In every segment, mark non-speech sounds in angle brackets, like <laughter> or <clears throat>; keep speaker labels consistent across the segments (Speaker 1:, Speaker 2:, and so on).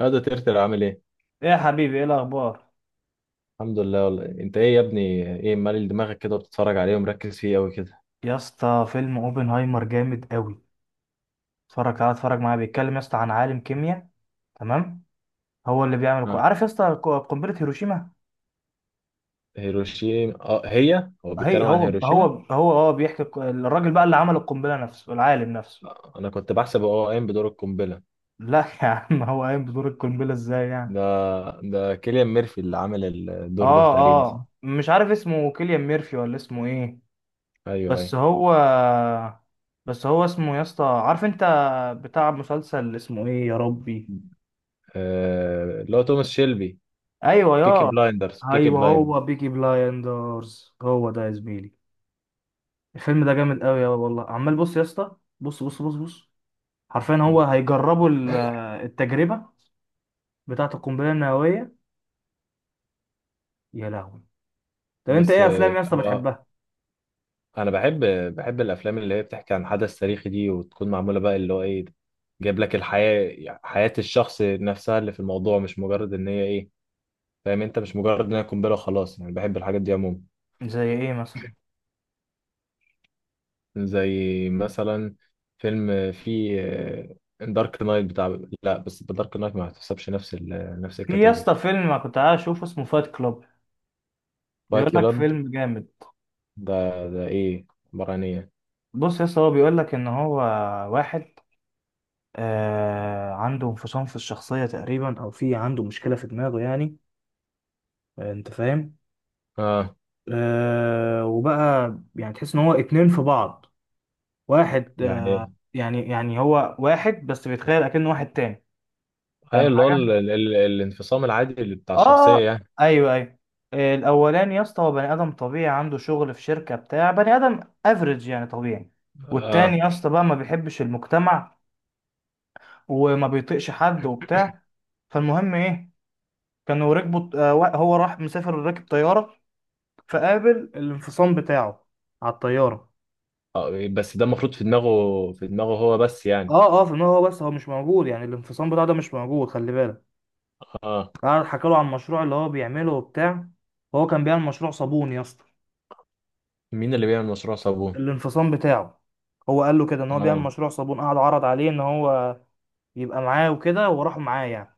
Speaker 1: هذا ترتر عامل ايه؟
Speaker 2: ايه يا حبيبي، ايه الاخبار؟
Speaker 1: الحمد لله والله. انت ايه يا ابني؟ ايه مالي دماغك كده وبتتفرج عليه ومركز فيه قوي كده؟
Speaker 2: يا اسطى فيلم اوبنهايمر جامد قوي. اتفرج، تعالى اتفرج معايا، بيتكلم يا اسطى عن عالم كيمياء. تمام. هو اللي بيعمل
Speaker 1: ها.
Speaker 2: عارف يا اسطى قنبله هيروشيما.
Speaker 1: هيروشيما، اه هي هو
Speaker 2: هي
Speaker 1: بيتكلم عن
Speaker 2: هو هو
Speaker 1: هيروشيما.
Speaker 2: هو هو بيحكي الراجل بقى اللي عمل القنبله نفسه، العالم نفسه.
Speaker 1: انا كنت بحسب هو قايم بدور القنبله.
Speaker 2: لا <laughs> يا عم، هو قايم بدور القنبله ازاي يعني؟
Speaker 1: ده ده كيليان ميرفي اللي عامل الدور ده
Speaker 2: اه.
Speaker 1: تقريبا، صح؟
Speaker 2: اه مش عارف اسمه كيليان ميرفي ولا اسمه ايه،
Speaker 1: ايوه، ايوه.
Speaker 2: بس هو بس هو اسمه يا اسطى، عارف انت، بتاع مسلسل اسمه ايه يا ربي؟
Speaker 1: اللي هو توماس شيلبي.
Speaker 2: ايوه
Speaker 1: بيكي
Speaker 2: يا،
Speaker 1: بلايندرز، بيكي
Speaker 2: ايوه
Speaker 1: بلايندرز.
Speaker 2: هو بيكي بلايندرز، هو ده يا زميلي. الفيلم ده جامد قوي يا والله. عمال بص يا اسطى، بص بص بص بص، حرفيا هو هيجربوا التجربه بتاعه القنبله النوويه. يا لهوي. طب انت
Speaker 1: بس
Speaker 2: ايه
Speaker 1: آه،
Speaker 2: افلام يا اسطى
Speaker 1: هو
Speaker 2: بتحبها؟
Speaker 1: انا بحب الافلام اللي هي بتحكي عن حدث تاريخي دي، وتكون معموله بقى اللي هو ايه، جايب لك الحياه، حياه الشخص نفسها اللي في الموضوع، مش مجرد ان هي ايه، فاهم انت؟ مش مجرد ان هي قنبله وخلاص، يعني بحب الحاجات دي عموما.
Speaker 2: زي ايه مثلا؟
Speaker 1: زي مثلا فيلم في دارك نايت بتاع، لا بس دارك نايت ما هتحسبش نفس
Speaker 2: في يا
Speaker 1: الكاتيجوري.
Speaker 2: اسطى فيلم أنا كنت قاعد اشوفه، اسمه فايت كلاب، بيقول
Speaker 1: فايت
Speaker 2: لك
Speaker 1: كلاب،
Speaker 2: فيلم جامد.
Speaker 1: ده ده ايه؟ عباره عن ايه؟
Speaker 2: بص يا اسطى، هو بيقول لك ان هو واحد، عنده انفصام في الشخصيه تقريبا، او في عنده مشكله في دماغه يعني. انت فاهم.
Speaker 1: اه.
Speaker 2: آه وبقى يعني تحس ان هو اتنين في بعض، واحد آه.
Speaker 1: يعني
Speaker 2: يعني، يعني هو واحد بس بيتخيل اكنه واحد تاني،
Speaker 1: ايه
Speaker 2: فاهم
Speaker 1: اللي هو
Speaker 2: حاجه.
Speaker 1: الانفصام العادي اللي بتاع
Speaker 2: اه. آه،
Speaker 1: الشخصيه يعني.
Speaker 2: ايوه ايوه. الاولاني يا اسطى هو بني ادم طبيعي، عنده شغل في شركه بتاع بني ادم افريج يعني، طبيعي. والتاني
Speaker 1: اه،
Speaker 2: يا اسطى بقى ما بيحبش المجتمع وما بيطيقش حد وبتاع. فالمهم ايه، كانوا ركبوا هو راح مسافر راكب طياره، فقابل الانفصام بتاعه على الطياره.
Speaker 1: اه. بس ده المفروض في دماغه هو بس يعني.
Speaker 2: اه اه، في دماغه هو بس، هو مش موجود يعني، الانفصام بتاعه ده مش موجود، خلي بالك.
Speaker 1: اه.
Speaker 2: قعد حكى له عن المشروع اللي هو بيعمله وبتاع، هو كان بيعمل مشروع صابون يا اسطى.
Speaker 1: مين اللي بيعمل مشروع صابون؟
Speaker 2: الانفصام بتاعه هو قال له كده ان هو بيعمل
Speaker 1: اه.
Speaker 2: مشروع صابون، قعد عرض عليه ان هو يبقى معاه وكده، وراحوا معاه يعني،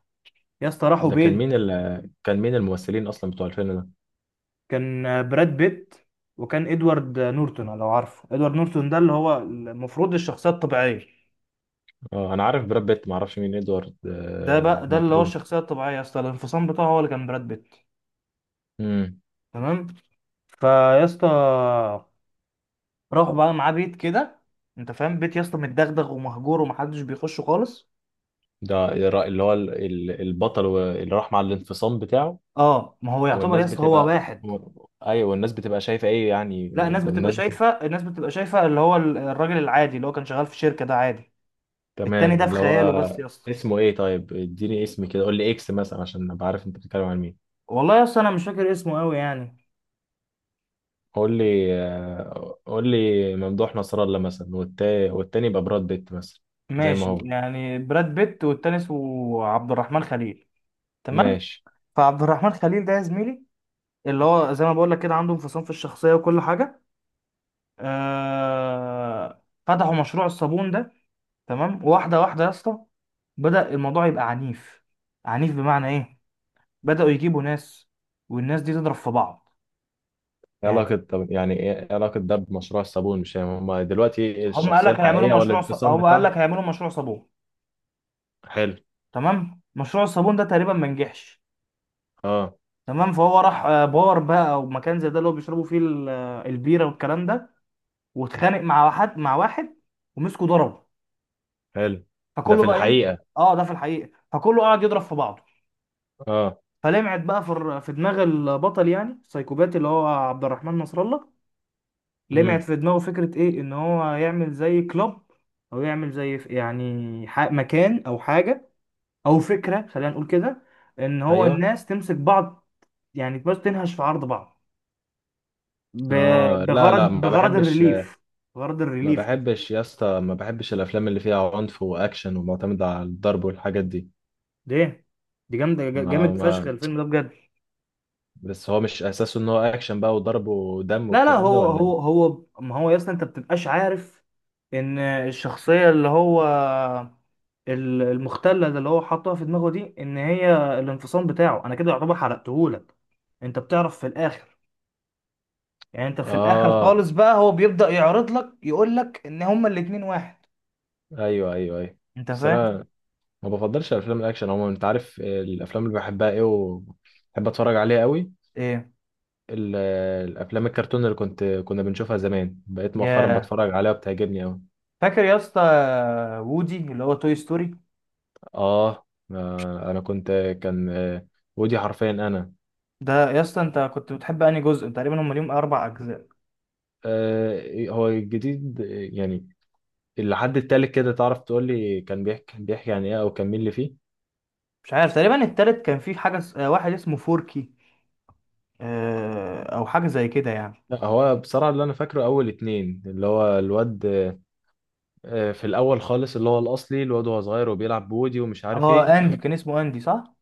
Speaker 2: يا اسطى راحوا
Speaker 1: ده كان
Speaker 2: بيت.
Speaker 1: كان مين الممثلين اصلا بتوع الفيلم ده؟
Speaker 2: كان براد بيت، وكان ادوارد نورتون، لو عارفه ادوارد نورتون ده اللي هو المفروض الشخصيه الطبيعيه.
Speaker 1: اه، انا عارف براد بيت، ما اعرفش مين ادوارد
Speaker 2: ده بقى، ده اللي هو
Speaker 1: مطلوب.
Speaker 2: الشخصيه الطبيعيه يا اسطى، الانفصام بتاعه هو اللي كان براد بيت.
Speaker 1: امم.
Speaker 2: تمام. فيا اسطى، راح بقى معاه بيت كده، انت فاهم بيت يا اسطى متدغدغ ومهجور ومحدش بيخشه خالص.
Speaker 1: ده اللي هو البطل اللي راح مع الانفصام بتاعه.
Speaker 2: اه، ما هو يعتبر يا
Speaker 1: والناس
Speaker 2: اسطى هو
Speaker 1: بتبقى
Speaker 2: واحد.
Speaker 1: ايوه، والناس بتبقى شايفه ايه يعني؟
Speaker 2: لا الناس بتبقى
Speaker 1: الناس بت...
Speaker 2: شايفه، الناس بتبقى شايفه اللي هو الراجل العادي اللي هو كان شغال في شركه ده، عادي. التاني
Speaker 1: تمام،
Speaker 2: ده في
Speaker 1: اللي هو
Speaker 2: خياله بس يا اسطى.
Speaker 1: اسمه ايه؟ طيب اديني اسم كده، قول لي اكس مثلا عشان ابقى عارف انت بتتكلم عن مين.
Speaker 2: والله يا اسطى انا مش فاكر اسمه قوي يعني.
Speaker 1: قول لي ممدوح نصر الله مثلا، والتاني، والتاني يبقى براد بيت مثلا. زي ما
Speaker 2: ماشي
Speaker 1: هو.
Speaker 2: يعني براد بيت، والتاني اسمه عبد الرحمن خليل. تمام.
Speaker 1: ماشي.
Speaker 2: فعبد الرحمن خليل ده يا زميلي اللي هو زي ما بقول لك كده، عنده انفصام في الشخصيه وكل حاجه. فتحوا مشروع الصابون ده. تمام واحده واحده يا اسطى، بدأ الموضوع يبقى عنيف. عنيف بمعنى ايه؟ بدأوا يجيبوا ناس، والناس دي تضرب في بعض
Speaker 1: ايه
Speaker 2: يعني.
Speaker 1: علاقة طب يعني ايه إيه علاقة ده بمشروع الصابون؟ مش فاهم. هما دلوقتي
Speaker 2: هم قال
Speaker 1: الشخصية
Speaker 2: لك
Speaker 1: الحقيقية ولا الانفصام
Speaker 2: هم قال
Speaker 1: بتاعها؟
Speaker 2: لك هيعملوا مشروع صابون.
Speaker 1: حلو.
Speaker 2: تمام، مشروع الصابون ده تقريبا ما نجحش.
Speaker 1: اه.
Speaker 2: تمام، فهو راح بار بقى او مكان زي ده اللي هو بيشربوا فيه البيره والكلام ده، واتخانق مع واحد، مع واحد، ومسكه ضربه.
Speaker 1: حلو. ده
Speaker 2: فكله
Speaker 1: في
Speaker 2: بقى ايه؟
Speaker 1: الحقيقة.
Speaker 2: اه ده في الحقيقه، فكله قعد يضرب في بعضه.
Speaker 1: اه.
Speaker 2: فلمعت بقى في في دماغ البطل يعني السايكوباتي اللي هو عبد الرحمن نصر الله، لمعت
Speaker 1: امم.
Speaker 2: في دماغه فكرة ايه، ان هو يعمل زي كلاب او يعمل زي يعني مكان او حاجة، او فكرة خلينا نقول كده، ان هو
Speaker 1: ايوه.
Speaker 2: الناس تمسك بعض يعني، بس تنهش في عرض بعض ب-
Speaker 1: اه، لا
Speaker 2: بغرض
Speaker 1: لا، ما
Speaker 2: بغرض
Speaker 1: بحبش.
Speaker 2: الريليف، غرض
Speaker 1: ما
Speaker 2: الريليف كده.
Speaker 1: بحبش يا اسطى، ما بحبش الافلام اللي فيها عنف واكشن ومعتمدة على الضرب والحاجات دي.
Speaker 2: ده دي جامدة جا-
Speaker 1: ما
Speaker 2: جامد فشخ
Speaker 1: ما
Speaker 2: الفيلم ده بجد.
Speaker 1: بس هو مش اساسه ان هو اكشن بقى وضرب ودم
Speaker 2: لا لا،
Speaker 1: والكلام ده،
Speaker 2: هو
Speaker 1: ولا؟
Speaker 2: هو هو ما هو يا اسطى انت بتبقاش عارف ان الشخصيه اللي هو المختله ده اللي هو حاطها في دماغه دي، ان هي الانفصام بتاعه، انا كده يعتبر حرقتهولك، انت بتعرف في الاخر يعني، انت في الاخر
Speaker 1: اه،
Speaker 2: خالص بقى هو بيبدا يعرض لك، يقول لك ان هما الاتنين واحد،
Speaker 1: ايوه، ايوه، ايوه.
Speaker 2: انت
Speaker 1: بس
Speaker 2: فاهم.
Speaker 1: انا ما بفضلش الافلام الاكشن عموما. انت عارف الافلام اللي بحبها ايه وبحب اتفرج عليها قوي؟
Speaker 2: ايه
Speaker 1: ال- الافلام الكرتون اللي كنا بنشوفها زمان، بقيت مؤخرا
Speaker 2: يا،
Speaker 1: بتفرج عليها وبتعجبني قوي.
Speaker 2: فاكر يا اسطى وودي اللي هو توي ستوري؟
Speaker 1: آه, اه انا كنت، كان آه، ودي حرفيا انا.
Speaker 2: ده يا اسطى انت كنت بتحب انهي جزء؟ تقريبا هم ليهم اربع اجزاء.
Speaker 1: هو الجديد، يعني اللي حد التالت كده، تعرف تقول لي كان بيحكي عن ايه او كان مين اللي فيه؟
Speaker 2: مش عارف، تقريبا التالت كان في حاجة واحد اسمه فوركي، أو حاجة زي كده يعني.
Speaker 1: لا، هو بصراحة اللي انا فاكره اول اتنين اللي هو الواد. في الاول خالص اللي هو الاصلي، الواد وهو صغير وبيلعب بودي ومش عارف
Speaker 2: اه
Speaker 1: ايه.
Speaker 2: أندي، كان اسمه أندي صح؟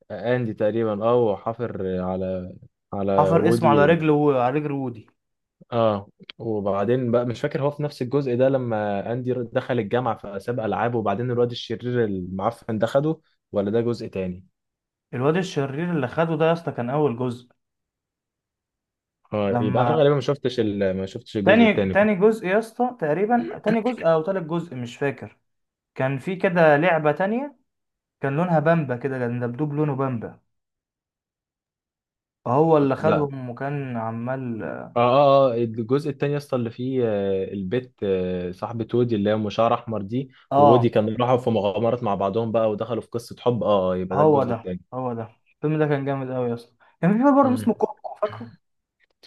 Speaker 1: <laughs> اندي تقريبا، اه، وحافر على
Speaker 2: حفر اسمه
Speaker 1: وودي
Speaker 2: على رجله، وعلى رجل وودي.
Speaker 1: اه. وبعدين بقى مش فاكر هو في نفس الجزء ده لما اندي دخل الجامعه فساب العاب وبعدين الواد الشرير المعفن ده خده، ولا ده جزء تاني؟
Speaker 2: الواد الشرير اللي خده ده يا اسطى كان أول جزء.
Speaker 1: اه، يبقى انا
Speaker 2: لما
Speaker 1: غالبا ما شفتش الجزء
Speaker 2: تاني
Speaker 1: التاني.
Speaker 2: تاني جزء يا اسطى، تقريبا تاني جزء أو تالت جزء مش فاكر، كان في كده لعبة تانية، كان لونها بامبا كده، كان دبدوب لونه بامبا، هو اللي
Speaker 1: لا.
Speaker 2: خدهم وكان عمال.
Speaker 1: اه، اه، اه، الجزء التاني اصلا اللي فيه البت صاحبة وودي اللي هي ام شعر احمر دي،
Speaker 2: اه
Speaker 1: وودي كانوا راحوا في مغامرات مع بعضهم بقى ودخلوا في قصة حب. اه، اه، يبقى ده
Speaker 2: هو
Speaker 1: الجزء
Speaker 2: ده،
Speaker 1: التاني.
Speaker 2: هو ده. الفيلم ده كان جامد أوي يا اسطى. كان في بقى برضه اسمه
Speaker 1: مم.
Speaker 2: كوكو، فاكره؟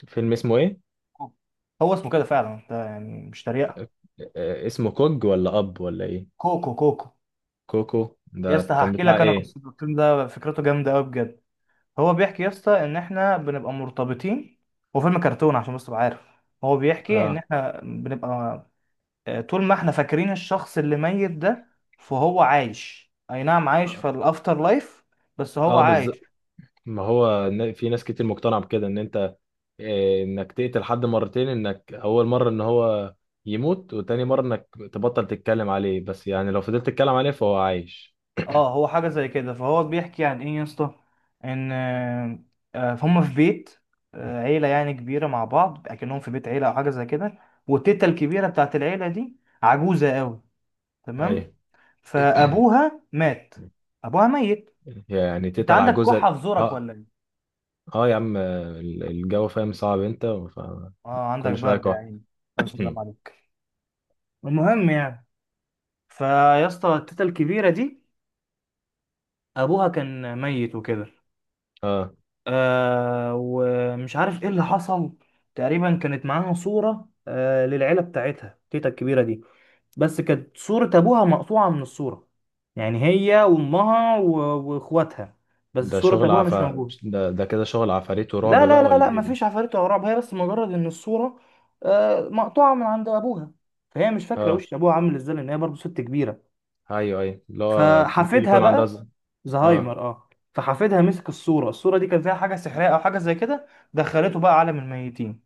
Speaker 1: فيلم اسمه ايه؟
Speaker 2: كوكو. هو اسمه كده فعلا ده يعني مش تريقه.
Speaker 1: اسمه كوج ولا اب ولا ايه؟
Speaker 2: كوكو كوكو.
Speaker 1: كوكو
Speaker 2: يا اسطى
Speaker 1: ده كان
Speaker 2: هحكي
Speaker 1: بتاع
Speaker 2: لك انا
Speaker 1: ايه؟
Speaker 2: قصه الفيلم ده، فكرته جامده قوي بجد. هو بيحكي يا اسطى ان احنا بنبقى مرتبطين، هو فيلم كرتون عشان بس تبقى عارف. هو بيحكي ان
Speaker 1: اه،
Speaker 2: احنا بنبقى، طول ما احنا فاكرين الشخص اللي ميت ده، فهو عايش، اي نعم عايش في الافتر لايف، بس هو
Speaker 1: اه، بالظبط.
Speaker 2: عايش.
Speaker 1: ما هو في ناس كتير مقتنعة بكده ان انت انك تقتل حد مرتين، انك اول مرة ان هو يموت، وتاني مرة انك تبطل تتكلم عليه، بس يعني لو فضلت تتكلم عليه فهو عايش.
Speaker 2: اه هو حاجة زي كده. فهو بيحكي عن ايه يا اسطى، ان هم في بيت، عيلة يعني كبيرة مع بعض، اكنهم في بيت عيلة او حاجة زي كده. والتيتا الكبيرة بتاعت العيلة دي عجوزة قوي، تمام.
Speaker 1: ايوه،
Speaker 2: فابوها مات، ابوها ميت.
Speaker 1: يعني
Speaker 2: انت
Speaker 1: تتقل على
Speaker 2: عندك
Speaker 1: جوزك.
Speaker 2: كحة في زورك
Speaker 1: اه،
Speaker 2: ولا ايه؟
Speaker 1: اه، يا عم الجو فاهم صعب انت،
Speaker 2: اه عندك
Speaker 1: فكل شويه
Speaker 2: برد
Speaker 1: كح.
Speaker 2: يعني،
Speaker 1: <clears throat>
Speaker 2: الف
Speaker 1: <coughs>
Speaker 2: سلام عليك. المهم يعني، فيا اسطى التيتا الكبيرة دي ابوها كان ميت وكده،
Speaker 1: اه،
Speaker 2: آه ومش عارف ايه اللي حصل. تقريبا كانت معاها صورة آه للعيلة بتاعتها تيتا الكبيرة دي، بس كانت صورة ابوها مقطوعة من الصورة، يعني هي وامها واخواتها، بس
Speaker 1: ده
Speaker 2: صورة
Speaker 1: شغل
Speaker 2: ابوها
Speaker 1: عف
Speaker 2: مش موجودة.
Speaker 1: ده كده شغل عفاريت ورعب
Speaker 2: لا لا
Speaker 1: بقى
Speaker 2: لا
Speaker 1: ولا
Speaker 2: لا،
Speaker 1: ايه ده؟
Speaker 2: مفيش عفاريت ولا رعب، هي بس مجرد ان الصورة آه مقطوعة من عند ابوها، فهي مش فاكرة
Speaker 1: اه،
Speaker 2: وش ابوها عامل ازاي لان هي برضه ست كبيرة.
Speaker 1: ايوه، ايوه، اللي هو ممكن
Speaker 2: فحفيدها
Speaker 1: يكون عندها
Speaker 2: بقى،
Speaker 1: اه.
Speaker 2: زهايمر اه، فحفيدها مسك الصورة، الصورة دي كان فيها حاجة سحرية أو حاجة زي كده، دخلته بقى عالم الميتين،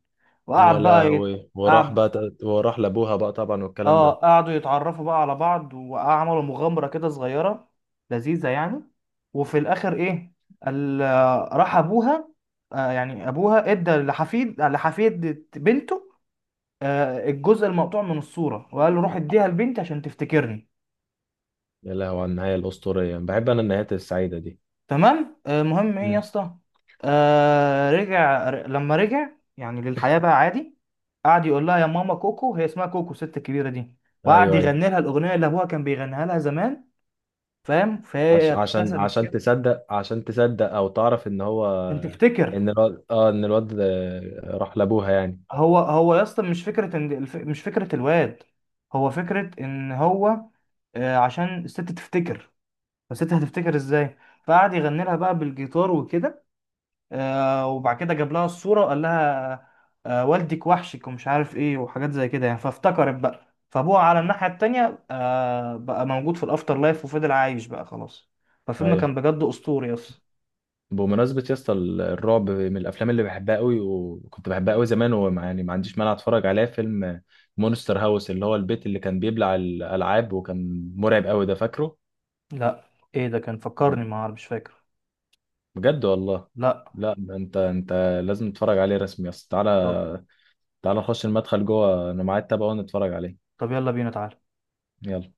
Speaker 1: يا
Speaker 2: وقعد بقى
Speaker 1: لهوي،
Speaker 2: قعد
Speaker 1: وراح لابوها بقى طبعا والكلام
Speaker 2: اه،
Speaker 1: ده.
Speaker 2: قعدوا يتعرفوا بقى على بعض، وعملوا مغامرة كده صغيرة لذيذة يعني. وفي الآخر إيه، ال... راح أبوها، آه يعني أبوها إدى لحفيد بنته، آه الجزء المقطوع من الصورة، وقال له روح إديها لبنتي عشان تفتكرني.
Speaker 1: يا لهوي، على النهايه الاسطوريه. بحب انا النهايات السعيده دي.
Speaker 2: تمام، المهم ايه يا
Speaker 1: مم.
Speaker 2: اسطى، لما رجع يعني للحياة بقى عادي، قعد يقول لها يا ماما كوكو، هي اسمها كوكو الست الكبيرة دي، وقعد
Speaker 1: ايوه، ايوه.
Speaker 2: يغني لها الأغنية اللي أبوها كان بيغنيها لها زمان، فاهم، فهي
Speaker 1: عش... عشان
Speaker 2: ابتسمت
Speaker 1: عشان
Speaker 2: كده.
Speaker 1: تصدق عشان تصدق او تعرف ان هو
Speaker 2: أنت تفتكر،
Speaker 1: ان الواد، راح لابوها يعني؟
Speaker 2: هو يا اسطى مش مش فكرة الواد، هو فكرة إن هو آه عشان الست تفتكر، فالست هتفتكر إزاي، فقعد يغني لها بقى بالجيتار وكده، وبعد كده جاب لها الصورة وقال لها، والدك وحشك ومش عارف ايه وحاجات زي كده يعني، فافتكرت بقى. فابوها على الناحية التانية بقى موجود في الافتر لايف، وفضل عايش بقى خلاص. فالفيلم
Speaker 1: ايوه.
Speaker 2: كان بجد اسطوري اصلا.
Speaker 1: بمناسبة يا اسطى الرعب من الافلام اللي بحبها قوي وكنت بحبها قوي زمان، وما يعني ما عنديش مانع اتفرج عليها. فيلم مونستر هاوس اللي هو البيت اللي كان بيبلع الالعاب وكان مرعب قوي ده، فاكره؟
Speaker 2: لا ايه ده، كان فكرني، ما عارف مش فاكر.
Speaker 1: بجد والله.
Speaker 2: لا.
Speaker 1: لا، ده انت، لازم تتفرج عليه رسمي يا اسطى.
Speaker 2: طب،
Speaker 1: تعالى. تعالى نخش المدخل جوه، انا معايا التابع ونتفرج عليه.
Speaker 2: طب يلا بينا تعالى.
Speaker 1: يلا.